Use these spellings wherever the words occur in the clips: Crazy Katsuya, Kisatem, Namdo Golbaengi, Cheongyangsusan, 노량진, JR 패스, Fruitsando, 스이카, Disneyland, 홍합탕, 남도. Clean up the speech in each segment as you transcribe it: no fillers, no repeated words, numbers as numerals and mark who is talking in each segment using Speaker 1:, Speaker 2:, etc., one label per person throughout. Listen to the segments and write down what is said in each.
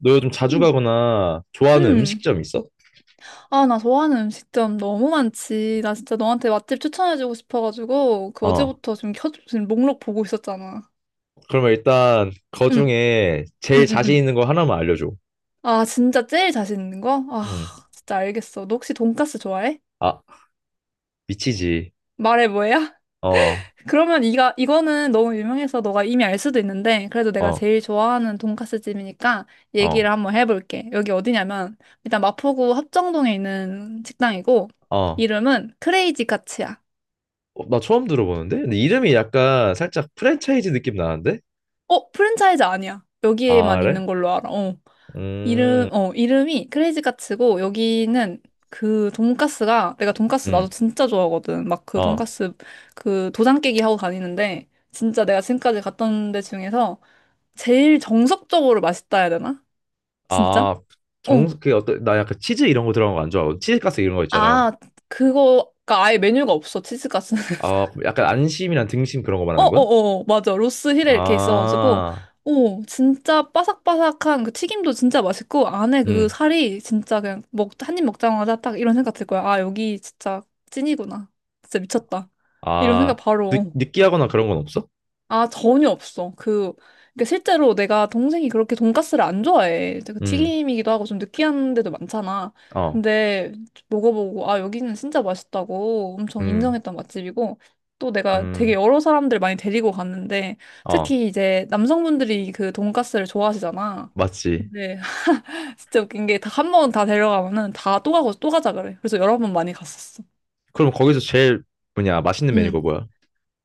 Speaker 1: 너 요즘 자주
Speaker 2: 음,
Speaker 1: 가거나 좋아하는
Speaker 2: 음.
Speaker 1: 음식점 있어?
Speaker 2: 아, 나 좋아하는 음식점 너무 많지. 나 진짜 너한테 맛집 추천해주고 싶어가지고, 그
Speaker 1: 어.
Speaker 2: 어제부터 지금 목록 보고 있었잖아.
Speaker 1: 그러면 일단 거
Speaker 2: 응,
Speaker 1: 중에 제일
Speaker 2: 응, 응,
Speaker 1: 자신
Speaker 2: 응.
Speaker 1: 있는 거 하나만 알려줘.
Speaker 2: 아, 진짜 제일 자신 있는 거? 아,
Speaker 1: 응.
Speaker 2: 진짜 알겠어. 너 혹시 돈까스 좋아해?
Speaker 1: 아, 미치지.
Speaker 2: 말해 뭐야?
Speaker 1: 어,
Speaker 2: 그러면 이거는 너무 유명해서 너가 이미 알 수도 있는데, 그래도 내가
Speaker 1: 어,
Speaker 2: 제일 좋아하는 돈까스 집이니까
Speaker 1: 어,
Speaker 2: 얘기를 한번 해볼게. 여기 어디냐면, 일단 마포구 합정동에 있는 식당이고,
Speaker 1: 어.
Speaker 2: 이름은 크레이지 카츠야.
Speaker 1: 어, 나 처음 들어보는데? 근데 이름이 약간 살짝 프랜차이즈 느낌 나는데?
Speaker 2: 어, 프랜차이즈 아니야.
Speaker 1: 아,
Speaker 2: 여기에만
Speaker 1: 그래?
Speaker 2: 있는 걸로 알아. 어.
Speaker 1: 음,
Speaker 2: 이름이 크레이지 카츠고, 여기는 그 돈까스가, 내가 돈까스 나도
Speaker 1: 음,
Speaker 2: 진짜 좋아하거든. 막 그
Speaker 1: 어.
Speaker 2: 돈까스 그 도장 깨기 하고 다니는데, 진짜 내가 지금까지 갔던 데 중에서 제일 정석적으로 맛있다 해야 되나? 진짜?
Speaker 1: 아,
Speaker 2: 어.
Speaker 1: 나 약간 치즈 이런 거 들어간 거 안 좋아하고, 치즈가스 이런 거 있잖아.
Speaker 2: 아, 그거가 아예 메뉴가 없어, 치즈까스는.
Speaker 1: 아, 약간 안심이랑 등심 그런 거 말하는 거야?
Speaker 2: 어어어, 맞아. 로스 힐에 이렇게 있어가지고
Speaker 1: 아,
Speaker 2: 오, 진짜 바삭바삭한 그 튀김도 진짜 맛있고, 안에 그
Speaker 1: 음.
Speaker 2: 살이 진짜 그냥 먹 한 입 먹자마자 딱 이런 생각 들 거야. 아, 여기 진짜 찐이구나. 진짜 미쳤다. 이런 생각
Speaker 1: 아,
Speaker 2: 바로. 어.
Speaker 1: 느끼하거나 그런 건 없어?
Speaker 2: 아, 전혀 없어. 그러니까 실제로 내가 동생이 그렇게 돈가스를 안 좋아해. 그
Speaker 1: 음,
Speaker 2: 튀김이기도 하고 좀 느끼한 데도 많잖아.
Speaker 1: 어,
Speaker 2: 근데 먹어보고, 아, 여기는 진짜 맛있다고 엄청
Speaker 1: 음,
Speaker 2: 인정했던 맛집이고, 또 내가 되게
Speaker 1: 음,
Speaker 2: 여러 사람들 많이 데리고 갔는데,
Speaker 1: 어,
Speaker 2: 특히 이제 남성분들이 그 돈가스를 좋아하시잖아.
Speaker 1: 맞지.
Speaker 2: 근데 진짜 웃긴 게 다 한 번 다 데려가면은 다 또 가고 또 가자 그래. 그래서 여러 번 많이 갔었어.
Speaker 1: 그럼 거기서 제일 맛있는 메뉴가
Speaker 2: 응.
Speaker 1: 뭐야?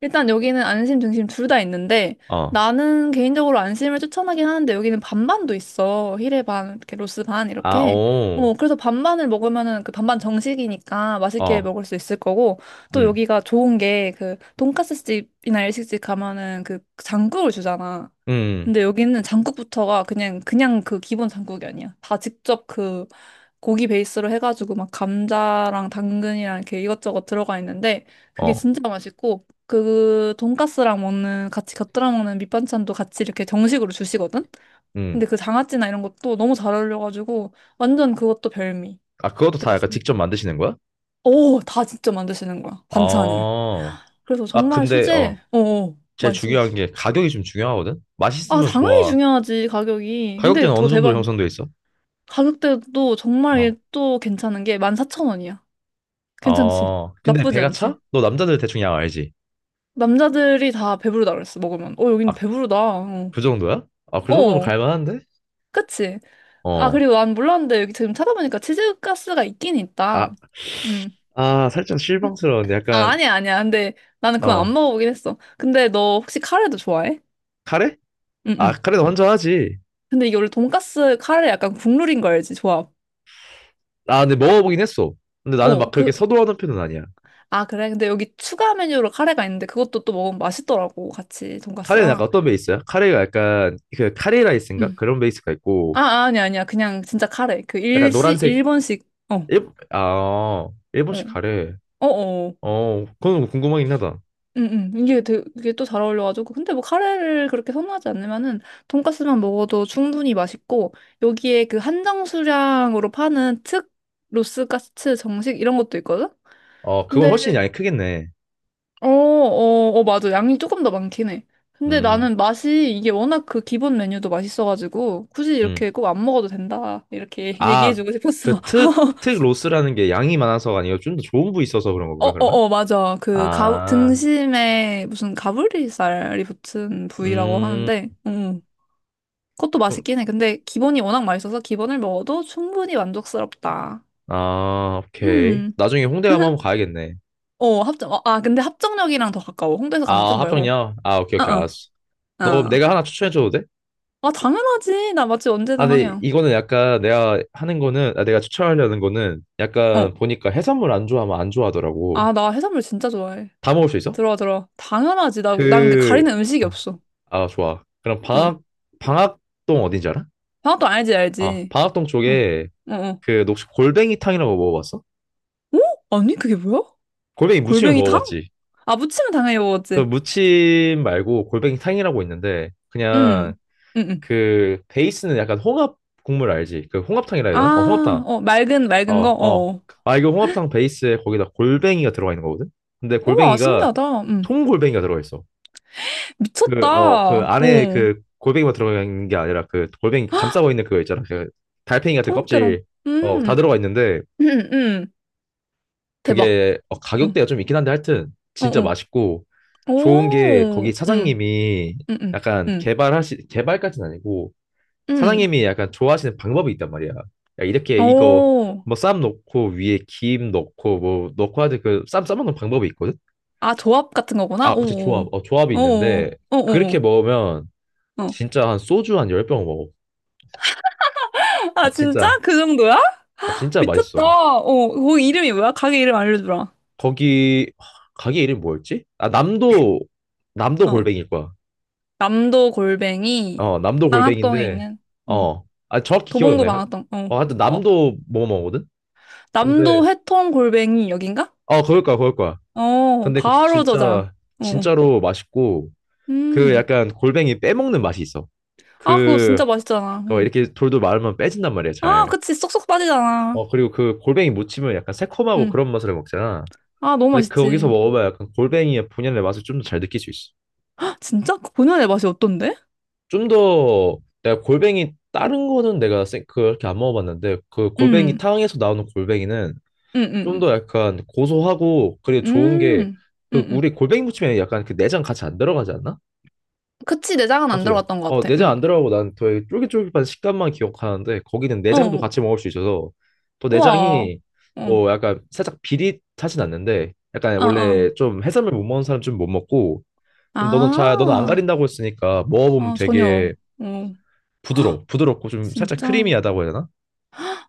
Speaker 2: 일단 여기는 안심, 등심 둘 다 있는데
Speaker 1: 어,
Speaker 2: 나는 개인적으로 안심을 추천하긴 하는데 여기는 반반도 있어. 히레 반, 이렇게 로스 반
Speaker 1: 아,
Speaker 2: 이렇게.
Speaker 1: 오,
Speaker 2: 어, 그래서 반반을 먹으면은 그 반반 정식이니까 맛있게
Speaker 1: 어,
Speaker 2: 먹을 수 있을 거고, 또
Speaker 1: 음,
Speaker 2: 여기가 좋은 게 그 돈까스 집이나 일식집 가면은 그 장국을 주잖아.
Speaker 1: 음,
Speaker 2: 근데 여기는 장국부터가 그냥 그 기본 장국이 아니야. 다 직접 그 고기 베이스로 해가지고 막 감자랑 당근이랑 이렇게 이것저것 들어가 있는데 그게
Speaker 1: 어,
Speaker 2: 진짜 맛있고 그 돈가스랑 먹는 같이 곁들여 먹는 밑반찬도 같이 이렇게 정식으로 주시거든.
Speaker 1: 음.
Speaker 2: 근데 그 장아찌나 이런 것도 너무 잘 어울려가지고 완전 그것도 별미.
Speaker 1: 아, 그것도 다
Speaker 2: 그래서
Speaker 1: 약간
Speaker 2: 진-
Speaker 1: 직접 만드시는 거야?
Speaker 2: 오, 다 진짜 만드시는 거야 반찬을.
Speaker 1: 어,
Speaker 2: 그래서
Speaker 1: 아,
Speaker 2: 정말
Speaker 1: 근데, 어,
Speaker 2: 수제. 어, 어,
Speaker 1: 제일
Speaker 2: 맛있어,
Speaker 1: 중요한
Speaker 2: 맛있어.
Speaker 1: 게 가격이 좀 중요하거든?
Speaker 2: 아,
Speaker 1: 맛있으면
Speaker 2: 당연히
Speaker 1: 좋아.
Speaker 2: 중요하지, 가격이. 근데
Speaker 1: 가격대는
Speaker 2: 더
Speaker 1: 어느 정도로
Speaker 2: 대박.
Speaker 1: 형성돼 있어?
Speaker 2: 가격대도 정말 얘
Speaker 1: 어,
Speaker 2: 또 괜찮은 게 14,000원이야. 괜찮지?
Speaker 1: 근데
Speaker 2: 나쁘지
Speaker 1: 배가
Speaker 2: 않지?
Speaker 1: 차? 너 남자들 대충 양 알지?
Speaker 2: 남자들이 다 배부르다 그랬어, 먹으면. 어, 여긴
Speaker 1: 아,
Speaker 2: 배부르다. 어,
Speaker 1: 그 정도야? 아, 그 정도면
Speaker 2: 어,
Speaker 1: 갈만한데?
Speaker 2: 그치? 아,
Speaker 1: 어.
Speaker 2: 그리고 난 몰랐는데 여기 지금 찾아보니까 치즈가스가 있긴 있다.
Speaker 1: 아,
Speaker 2: 음.
Speaker 1: 살짝 실망스러운데
Speaker 2: 아,
Speaker 1: 약간
Speaker 2: 아니야, 아니야. 근데 나는
Speaker 1: 어
Speaker 2: 그건 안 먹어보긴 했어. 근데 너 혹시 카레도 좋아해?
Speaker 1: 카레?
Speaker 2: 응,
Speaker 1: 아,
Speaker 2: 응.
Speaker 1: 카레는 혼자 하지.
Speaker 2: 근데 이게 원래 돈가스 카레 약간 국룰인 거 알지? 조합.
Speaker 1: 아, 근데 먹어보긴 했어. 근데 나는 막
Speaker 2: 어,
Speaker 1: 그렇게 서두르는 편은 아니야.
Speaker 2: 아, 그래? 근데 여기 추가 메뉴로 카레가 있는데 그것도 또 먹으면 맛있더라고, 같이
Speaker 1: 카레는
Speaker 2: 돈가스랑.
Speaker 1: 약간 어떤 베이스야? 카레가 약간 그 카레 라이스인가?
Speaker 2: 응.
Speaker 1: 그런 베이스가 있고
Speaker 2: 아, 아, 아니야, 아니야. 그냥 진짜 카레. 그
Speaker 1: 약간 노란색
Speaker 2: 일본식. 어, 어,
Speaker 1: 일본식 카레.
Speaker 2: 어, 어.
Speaker 1: 어, 그건 궁금하긴 하다.
Speaker 2: 응, 응. 이게 되게 또 잘 어울려가지고. 근데 뭐 카레를 그렇게 선호하지 않으면은 돈까스만 먹어도 충분히 맛있고, 여기에 그 한정 수량으로 파는 특 로스가츠 정식 이런 것도 있거든?
Speaker 1: 어, 그건 훨씬
Speaker 2: 근데,
Speaker 1: 양이 크겠네.
Speaker 2: 어, 어, 어, 맞아. 양이 조금 더 많긴 해. 근데
Speaker 1: 음,
Speaker 2: 나는 맛이 이게 워낙 그 기본 메뉴도 맛있어가지고, 굳이
Speaker 1: 음.
Speaker 2: 이렇게 꼭 안 먹어도 된다. 이렇게
Speaker 1: 아,
Speaker 2: 얘기해주고 싶었어.
Speaker 1: 특 로스라는 게 양이 많아서가 아니고 좀 더 좋은 부위 있어서 그런
Speaker 2: 어,
Speaker 1: 건가,
Speaker 2: 어,
Speaker 1: 그러면?
Speaker 2: 어, 맞아.
Speaker 1: 아,
Speaker 2: 등심에 무슨 가브리살이 붙은 부위라고
Speaker 1: 음.
Speaker 2: 하는데, 그것도 맛있긴 해. 근데 기본이 워낙 맛있어서 기본을 먹어도 충분히 만족스럽다.
Speaker 1: 아, 오케이.
Speaker 2: 음,
Speaker 1: 나중에 홍대 가면 한번 가야겠네.
Speaker 2: 어, 아, 근데 합정역이랑 더 가까워. 홍대에서 가면 좀
Speaker 1: 아,
Speaker 2: 멀고.
Speaker 1: 합정역? 아, 오케이,
Speaker 2: 어,
Speaker 1: 오케이, 알았어.
Speaker 2: 어,
Speaker 1: 너 그럼
Speaker 2: 어.
Speaker 1: 내가 하나 추천해줘도 돼?
Speaker 2: 아, 당연하지. 나 맛집
Speaker 1: 아,
Speaker 2: 언제든
Speaker 1: 근데
Speaker 2: 황영.
Speaker 1: 이거는 약간 내가 하는 거는, 아, 내가 추천하려는 거는
Speaker 2: 어,
Speaker 1: 약간 보니까 해산물 안 좋아하면 안 좋아하더라고.
Speaker 2: 아, 나 해산물 진짜 좋아해.
Speaker 1: 다 먹을 수 있어?
Speaker 2: 들어와, 들어와. 당연하지. 나는 그
Speaker 1: 그,
Speaker 2: 가리는 음식이 없어.
Speaker 1: 아, 좋아.
Speaker 2: 어,
Speaker 1: 방학동 어딘지 알아?
Speaker 2: 방학도 알지,
Speaker 1: 아,
Speaker 2: 알지.
Speaker 1: 방학동
Speaker 2: 어,
Speaker 1: 쪽에
Speaker 2: 어, 어.
Speaker 1: 그, 너 혹시 골뱅이탕이라고 먹어봤어?
Speaker 2: 어? 아니, 그게 뭐야?
Speaker 1: 골뱅이 무침은
Speaker 2: 골뱅이탕?
Speaker 1: 먹어봤지?
Speaker 2: 아, 무침은 당연히
Speaker 1: 그
Speaker 2: 먹었지.
Speaker 1: 무침 말고 골뱅이탕이라고 있는데, 그냥
Speaker 2: 응, 응, 응.
Speaker 1: 그 베이스는 약간 홍합 국물 알지? 그 홍합탕이라 해야 되나? 어,
Speaker 2: 아,
Speaker 1: 홍합탕.
Speaker 2: 어, 맑은,
Speaker 1: 어,
Speaker 2: 맑은 거?
Speaker 1: 어.
Speaker 2: 어어.
Speaker 1: 아, 이거 홍합탕 베이스에 거기다 골뱅이가 들어가 있는 거거든? 근데
Speaker 2: 우와,
Speaker 1: 골뱅이가
Speaker 2: 신기하다. 응.
Speaker 1: 통골뱅이가 들어가 있어. 그, 어, 그
Speaker 2: 미쳤다. 어,
Speaker 1: 안에 그 골뱅이만 들어가 있는 게 아니라 그 골뱅이 감싸고 있는 그거 있잖아. 그 달팽이 같은
Speaker 2: 통째로.
Speaker 1: 껍질. 어, 다
Speaker 2: 음,
Speaker 1: 들어가 있는데
Speaker 2: 음, 음. 대박.
Speaker 1: 그게 어,
Speaker 2: 응,
Speaker 1: 가격대가 좀 있긴 한데 하여튼
Speaker 2: 어,
Speaker 1: 진짜
Speaker 2: 어.
Speaker 1: 맛있고 좋은 게
Speaker 2: 오,
Speaker 1: 거기
Speaker 2: 응,
Speaker 1: 사장님이
Speaker 2: 응, 응, 응,
Speaker 1: 개발까지는 아니고
Speaker 2: 응.
Speaker 1: 사장님이 약간 좋아하시는 방법이 있단 말이야. 야, 이렇게 이거
Speaker 2: 오,
Speaker 1: 뭐 쌈 넣고 위에 김 넣고 뭐 넣고 하듯 그쌈 싸먹는 방법이 있거든?
Speaker 2: 아, 조합 같은 거구나?
Speaker 1: 아, 그치, 조합.
Speaker 2: 오,
Speaker 1: 어, 조합이 있는데
Speaker 2: 오, 오, 오,
Speaker 1: 그렇게
Speaker 2: 오.
Speaker 1: 먹으면
Speaker 2: 오. 어.
Speaker 1: 진짜 한 소주 한 10병 먹어. 아,
Speaker 2: 아, 진짜?
Speaker 1: 진짜.
Speaker 2: 그 정도야?
Speaker 1: 아, 진짜
Speaker 2: 미쳤다.
Speaker 1: 맛있어.
Speaker 2: 어, 거기 이름이 뭐야? 가게 이름 알려주라.
Speaker 1: 거기 하, 가게 이름이 뭐였지? 남도
Speaker 2: 어.
Speaker 1: 골뱅일 거야.
Speaker 2: 남도 골뱅이
Speaker 1: 어, 남도
Speaker 2: 방학동에
Speaker 1: 골뱅인데
Speaker 2: 있는 음,
Speaker 1: 어. 정확히 기억이 안
Speaker 2: 도봉구
Speaker 1: 나요.
Speaker 2: 방학동. 어.
Speaker 1: 어, 하여튼
Speaker 2: 어,
Speaker 1: 남도 뭐 먹거든? 근데
Speaker 2: 남도 회통 골뱅이 여긴가?
Speaker 1: 어, 그럴 거야.
Speaker 2: 어,
Speaker 1: 근데 그
Speaker 2: 바로 저장.
Speaker 1: 진짜
Speaker 2: 어.
Speaker 1: 진짜로 맛있고 그
Speaker 2: 음.
Speaker 1: 약간 골뱅이 빼먹는 맛이 있어.
Speaker 2: 아, 그거
Speaker 1: 그
Speaker 2: 진짜 맛있잖아.
Speaker 1: 어,
Speaker 2: 음.
Speaker 1: 이렇게 돌돌 말으면 빼진단 말이야
Speaker 2: 아,
Speaker 1: 잘.
Speaker 2: 그치. 쏙쏙 빠지잖아.
Speaker 1: 어 그리고 그 골뱅이 무침은 약간 새콤하고
Speaker 2: 음.
Speaker 1: 그런 맛을 먹잖아.
Speaker 2: 아, 너무
Speaker 1: 근데 거기서
Speaker 2: 맛있지.
Speaker 1: 먹어봐야 약간 골뱅이의 본연의 맛을 좀 더 잘 느낄 수 있어.
Speaker 2: 헉, 진짜? 그 본연의 맛이 어떤데?
Speaker 1: 좀 더 내가 골뱅이 다른 거는 그렇게 안 먹어봤는데 그 골뱅이
Speaker 2: 음.
Speaker 1: 탕에서 나오는 골뱅이는
Speaker 2: 음, 음,
Speaker 1: 좀
Speaker 2: 음.
Speaker 1: 더 약간 고소하고 그리고 좋은 게
Speaker 2: 음. 음,
Speaker 1: 그 우리
Speaker 2: 음.
Speaker 1: 골뱅이 무침에 약간 그 내장 같이 안 들어가지 않나?
Speaker 2: 그치. 내장은 안
Speaker 1: 맞아요.
Speaker 2: 들어갔던 것
Speaker 1: 어,
Speaker 2: 같아.
Speaker 1: 내장
Speaker 2: 음.
Speaker 1: 안 들어가고 난 되게 쫄깃쫄깃한 식감만 기억하는데 거기는 내장도
Speaker 2: 어.
Speaker 1: 같이 먹을 수 있어서 또
Speaker 2: 우와.
Speaker 1: 내장이
Speaker 2: 어.
Speaker 1: 어 약간 살짝 비릿하진 않는데 약간
Speaker 2: 아,
Speaker 1: 원래
Speaker 2: 아.
Speaker 1: 좀 해산물 못 먹는 사람 좀 못 먹고 너는 안
Speaker 2: 아.
Speaker 1: 가린다고 했으니까 먹어보면
Speaker 2: 어, 전혀.
Speaker 1: 되게
Speaker 2: 어.
Speaker 1: 부드러워 부드럽고 좀 살짝
Speaker 2: 진짜?
Speaker 1: 크리미하다고 해야 되나?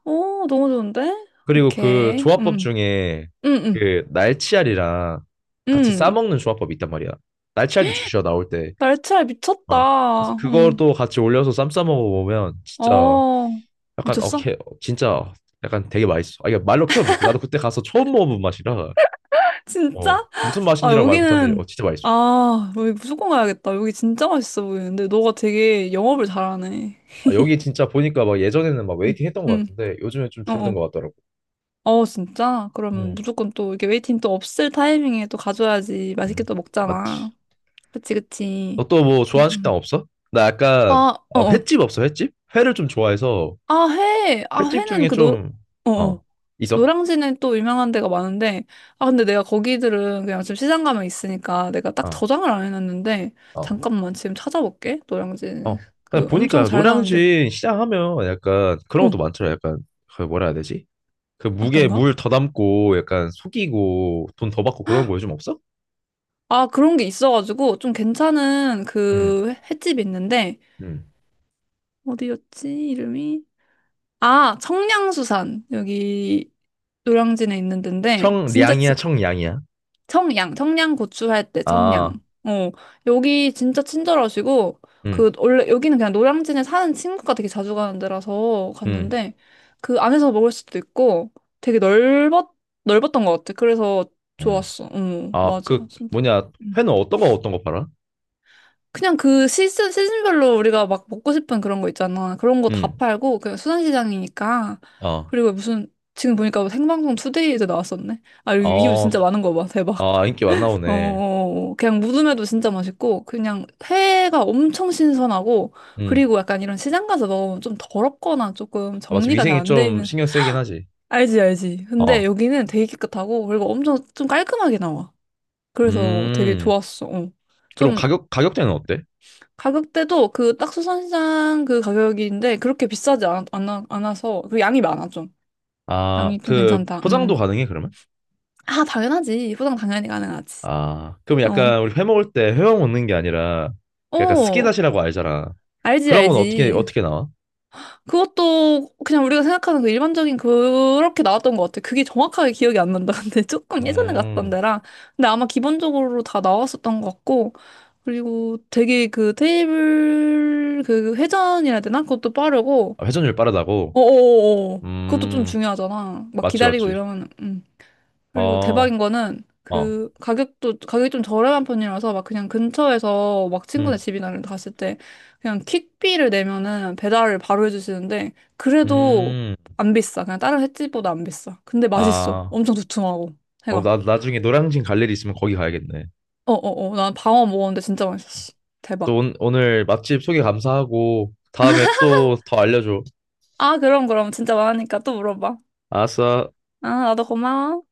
Speaker 2: 오, 너무 좋은데?
Speaker 1: 그리고 그
Speaker 2: 오케이.
Speaker 1: 조합법 중에
Speaker 2: 음, 음,
Speaker 1: 그 날치알이랑 같이
Speaker 2: 음.
Speaker 1: 싸먹는 조합법이 있단 말이야. 날치알도 주셔 나올 때.
Speaker 2: 날치알
Speaker 1: 어. 그래서
Speaker 2: 미쳤다.
Speaker 1: 그것도 같이 올려서 쌈 싸 먹어보면 진짜
Speaker 2: 어,
Speaker 1: 약간 어,
Speaker 2: 미쳤어?
Speaker 1: 개, 진짜 약간 되게 맛있어. 아 이게 말로 표현 못해. 나도 그때 가서 처음 먹어본 맛이라 어
Speaker 2: 진짜?
Speaker 1: 무슨
Speaker 2: 아,
Speaker 1: 맛인지라 말 못하는데 어 진짜 맛있어.
Speaker 2: 아, 여기 무조건 가야겠다. 여기 진짜 맛있어 보이는데, 너가 되게 영업을 잘하네.
Speaker 1: 아, 여기 진짜 보니까 막 예전에는 막
Speaker 2: 응,
Speaker 1: 웨이팅 했던 것
Speaker 2: 응.
Speaker 1: 같은데 요즘에 좀
Speaker 2: 어,
Speaker 1: 줄어든
Speaker 2: 어.
Speaker 1: 것 같더라고.
Speaker 2: 어, 진짜? 그러면
Speaker 1: 음,
Speaker 2: 무조건 또 이렇게 웨이팅 또 없을 타이밍에 또 가줘야지 맛있게
Speaker 1: 음,
Speaker 2: 또
Speaker 1: 맞지.
Speaker 2: 먹잖아. 그치,
Speaker 1: 너
Speaker 2: 그치.
Speaker 1: 또 뭐 좋아하는 식당
Speaker 2: 음.
Speaker 1: 없어? 나 약간
Speaker 2: 아, 어,
Speaker 1: 어,
Speaker 2: 어.
Speaker 1: 횟집? 회를 좀 좋아해서
Speaker 2: 아, 회. 아,
Speaker 1: 횟집
Speaker 2: 회는
Speaker 1: 중에 좀어
Speaker 2: 어어.
Speaker 1: 있어?
Speaker 2: 노량진에 또 유명한 데가 많은데, 아, 근데 내가 거기들은 그냥 지금 시장 가면 있으니까 내가 딱
Speaker 1: 어,
Speaker 2: 저장을 안 해놨는데,
Speaker 1: 어,
Speaker 2: 잠깐만 지금 찾아볼게. 노량진.
Speaker 1: 어.
Speaker 2: 그
Speaker 1: 그냥
Speaker 2: 엄청
Speaker 1: 보니까
Speaker 2: 잘 나오는데.
Speaker 1: 노량진 시장 하면 약간 그런 것도
Speaker 2: 응,
Speaker 1: 많더라. 약간 그 뭐라 해야 되지? 그 무게
Speaker 2: 어떤가?
Speaker 1: 물 더 담고 약간 속이고 돈 더 받고 그런 거 요즘 없어?
Speaker 2: 아, 그런 게 있어가지고 좀 괜찮은
Speaker 1: 응,
Speaker 2: 그 횟집이 있는데,
Speaker 1: 응.
Speaker 2: 어디였지? 이름이? 아, 청량수산. 여기 노량진에 있는 데인데, 진짜
Speaker 1: 청량이야, 청량이야.
Speaker 2: 청양, 청양 고추 할 때 청양.
Speaker 1: 아,
Speaker 2: 어, 여기 진짜 친절하시고,
Speaker 1: 응,
Speaker 2: 원래 여기는 그냥 노량진에 사는 친구가 되게 자주 가는 데라서
Speaker 1: 응,
Speaker 2: 갔는데, 그 안에서 먹을 수도 있고, 되게 넓었던 것 같아. 그래서
Speaker 1: 응.
Speaker 2: 좋았어. 응,
Speaker 1: 아,
Speaker 2: 맞아.
Speaker 1: 그
Speaker 2: 진짜.
Speaker 1: 뭐냐,
Speaker 2: 음.
Speaker 1: 회는 어떤 거 팔아?
Speaker 2: 그냥 그 시즌별로 우리가 막 먹고 싶은 그런 거 있잖아. 그런 거 다
Speaker 1: 응,
Speaker 2: 팔고, 그냥 수산시장이니까.
Speaker 1: 아,
Speaker 2: 그리고 무슨, 지금 보니까 뭐 생방송 투데이에도 나왔었네. 아, 리뷰
Speaker 1: 아,
Speaker 2: 진짜 많은 거 봐. 대박.
Speaker 1: 아, 인기 많나 보네.
Speaker 2: 어, 그냥 무듬에도 진짜 맛있고, 그냥 회가 엄청 신선하고,
Speaker 1: 응,
Speaker 2: 그리고 약간 이런 시장 가서 먹으면 좀 더럽거나 조금
Speaker 1: 아, 맞지.
Speaker 2: 정리가 잘
Speaker 1: 위생이
Speaker 2: 안 돼
Speaker 1: 좀
Speaker 2: 있는,
Speaker 1: 신경 쓰이긴 하지.
Speaker 2: 알지, 알지. 근데
Speaker 1: 어,
Speaker 2: 여기는 되게 깨끗하고, 그리고 엄청 좀 깔끔하게 나와. 그래서 되게
Speaker 1: 음.
Speaker 2: 좋았어. 어.
Speaker 1: 그럼
Speaker 2: 좀
Speaker 1: 가격 가격대는 어때?
Speaker 2: 가격대도 그 딱 수산시장 그 가격인데, 그렇게 비싸지 않아서, 그 양이 많아, 좀.
Speaker 1: 아,
Speaker 2: 양이 좀
Speaker 1: 그
Speaker 2: 괜찮다. 음.
Speaker 1: 포장도 가능해 그러면?
Speaker 2: 아, 당연하지. 포장 당연히 가능하지.
Speaker 1: 아, 그럼
Speaker 2: 어.
Speaker 1: 약간 우리 회 먹을 때 회만 먹는 게 아니라 그 약간
Speaker 2: 어,
Speaker 1: 스키다시라고 알잖아.
Speaker 2: 알지,
Speaker 1: 그런 건
Speaker 2: 알지.
Speaker 1: 어떻게 나와?
Speaker 2: 그것도 그냥 우리가 생각하는 그 일반적인 그렇게 나왔던 것 같아. 그게 정확하게 기억이 안 난다. 근데 조금 예전에 갔던
Speaker 1: 음,
Speaker 2: 데랑. 근데 아마 기본적으로 다 나왔었던 것 같고. 그리고 되게 그 테이블 그 회전이라 해야 되나? 그것도 빠르고.
Speaker 1: 아, 회전율 빠르다고?
Speaker 2: 어어어, 그것도 좀
Speaker 1: 음,
Speaker 2: 중요하잖아. 막
Speaker 1: 맞지
Speaker 2: 기다리고
Speaker 1: 맞지.
Speaker 2: 이러면, 그리고
Speaker 1: 어,
Speaker 2: 대박인 거는
Speaker 1: 어,
Speaker 2: 그 가격도 가격이 좀 저렴한 편이라서 막 그냥 근처에서 막 친구네
Speaker 1: 음,
Speaker 2: 집이나 이런 데 갔을 때 그냥 퀵비를 내면은 배달을 바로 해주시는데 그래도
Speaker 1: 음.
Speaker 2: 안 비싸. 그냥 다른 횟집보다 안 비싸. 근데 맛있어.
Speaker 1: 아,
Speaker 2: 엄청 두툼하고
Speaker 1: 어,
Speaker 2: 해가.
Speaker 1: 나 나중에 노량진 갈 일이 있으면 거기 가야겠네.
Speaker 2: 어어어. 난 방어 먹었는데 진짜 맛있었어. 대박.
Speaker 1: 오늘 맛집 소개 감사하고 다음에 또 더 알려줘.
Speaker 2: 아, 그럼 진짜 많으니까 또 물어봐.
Speaker 1: 알았어.
Speaker 2: 아, 나도 고마워.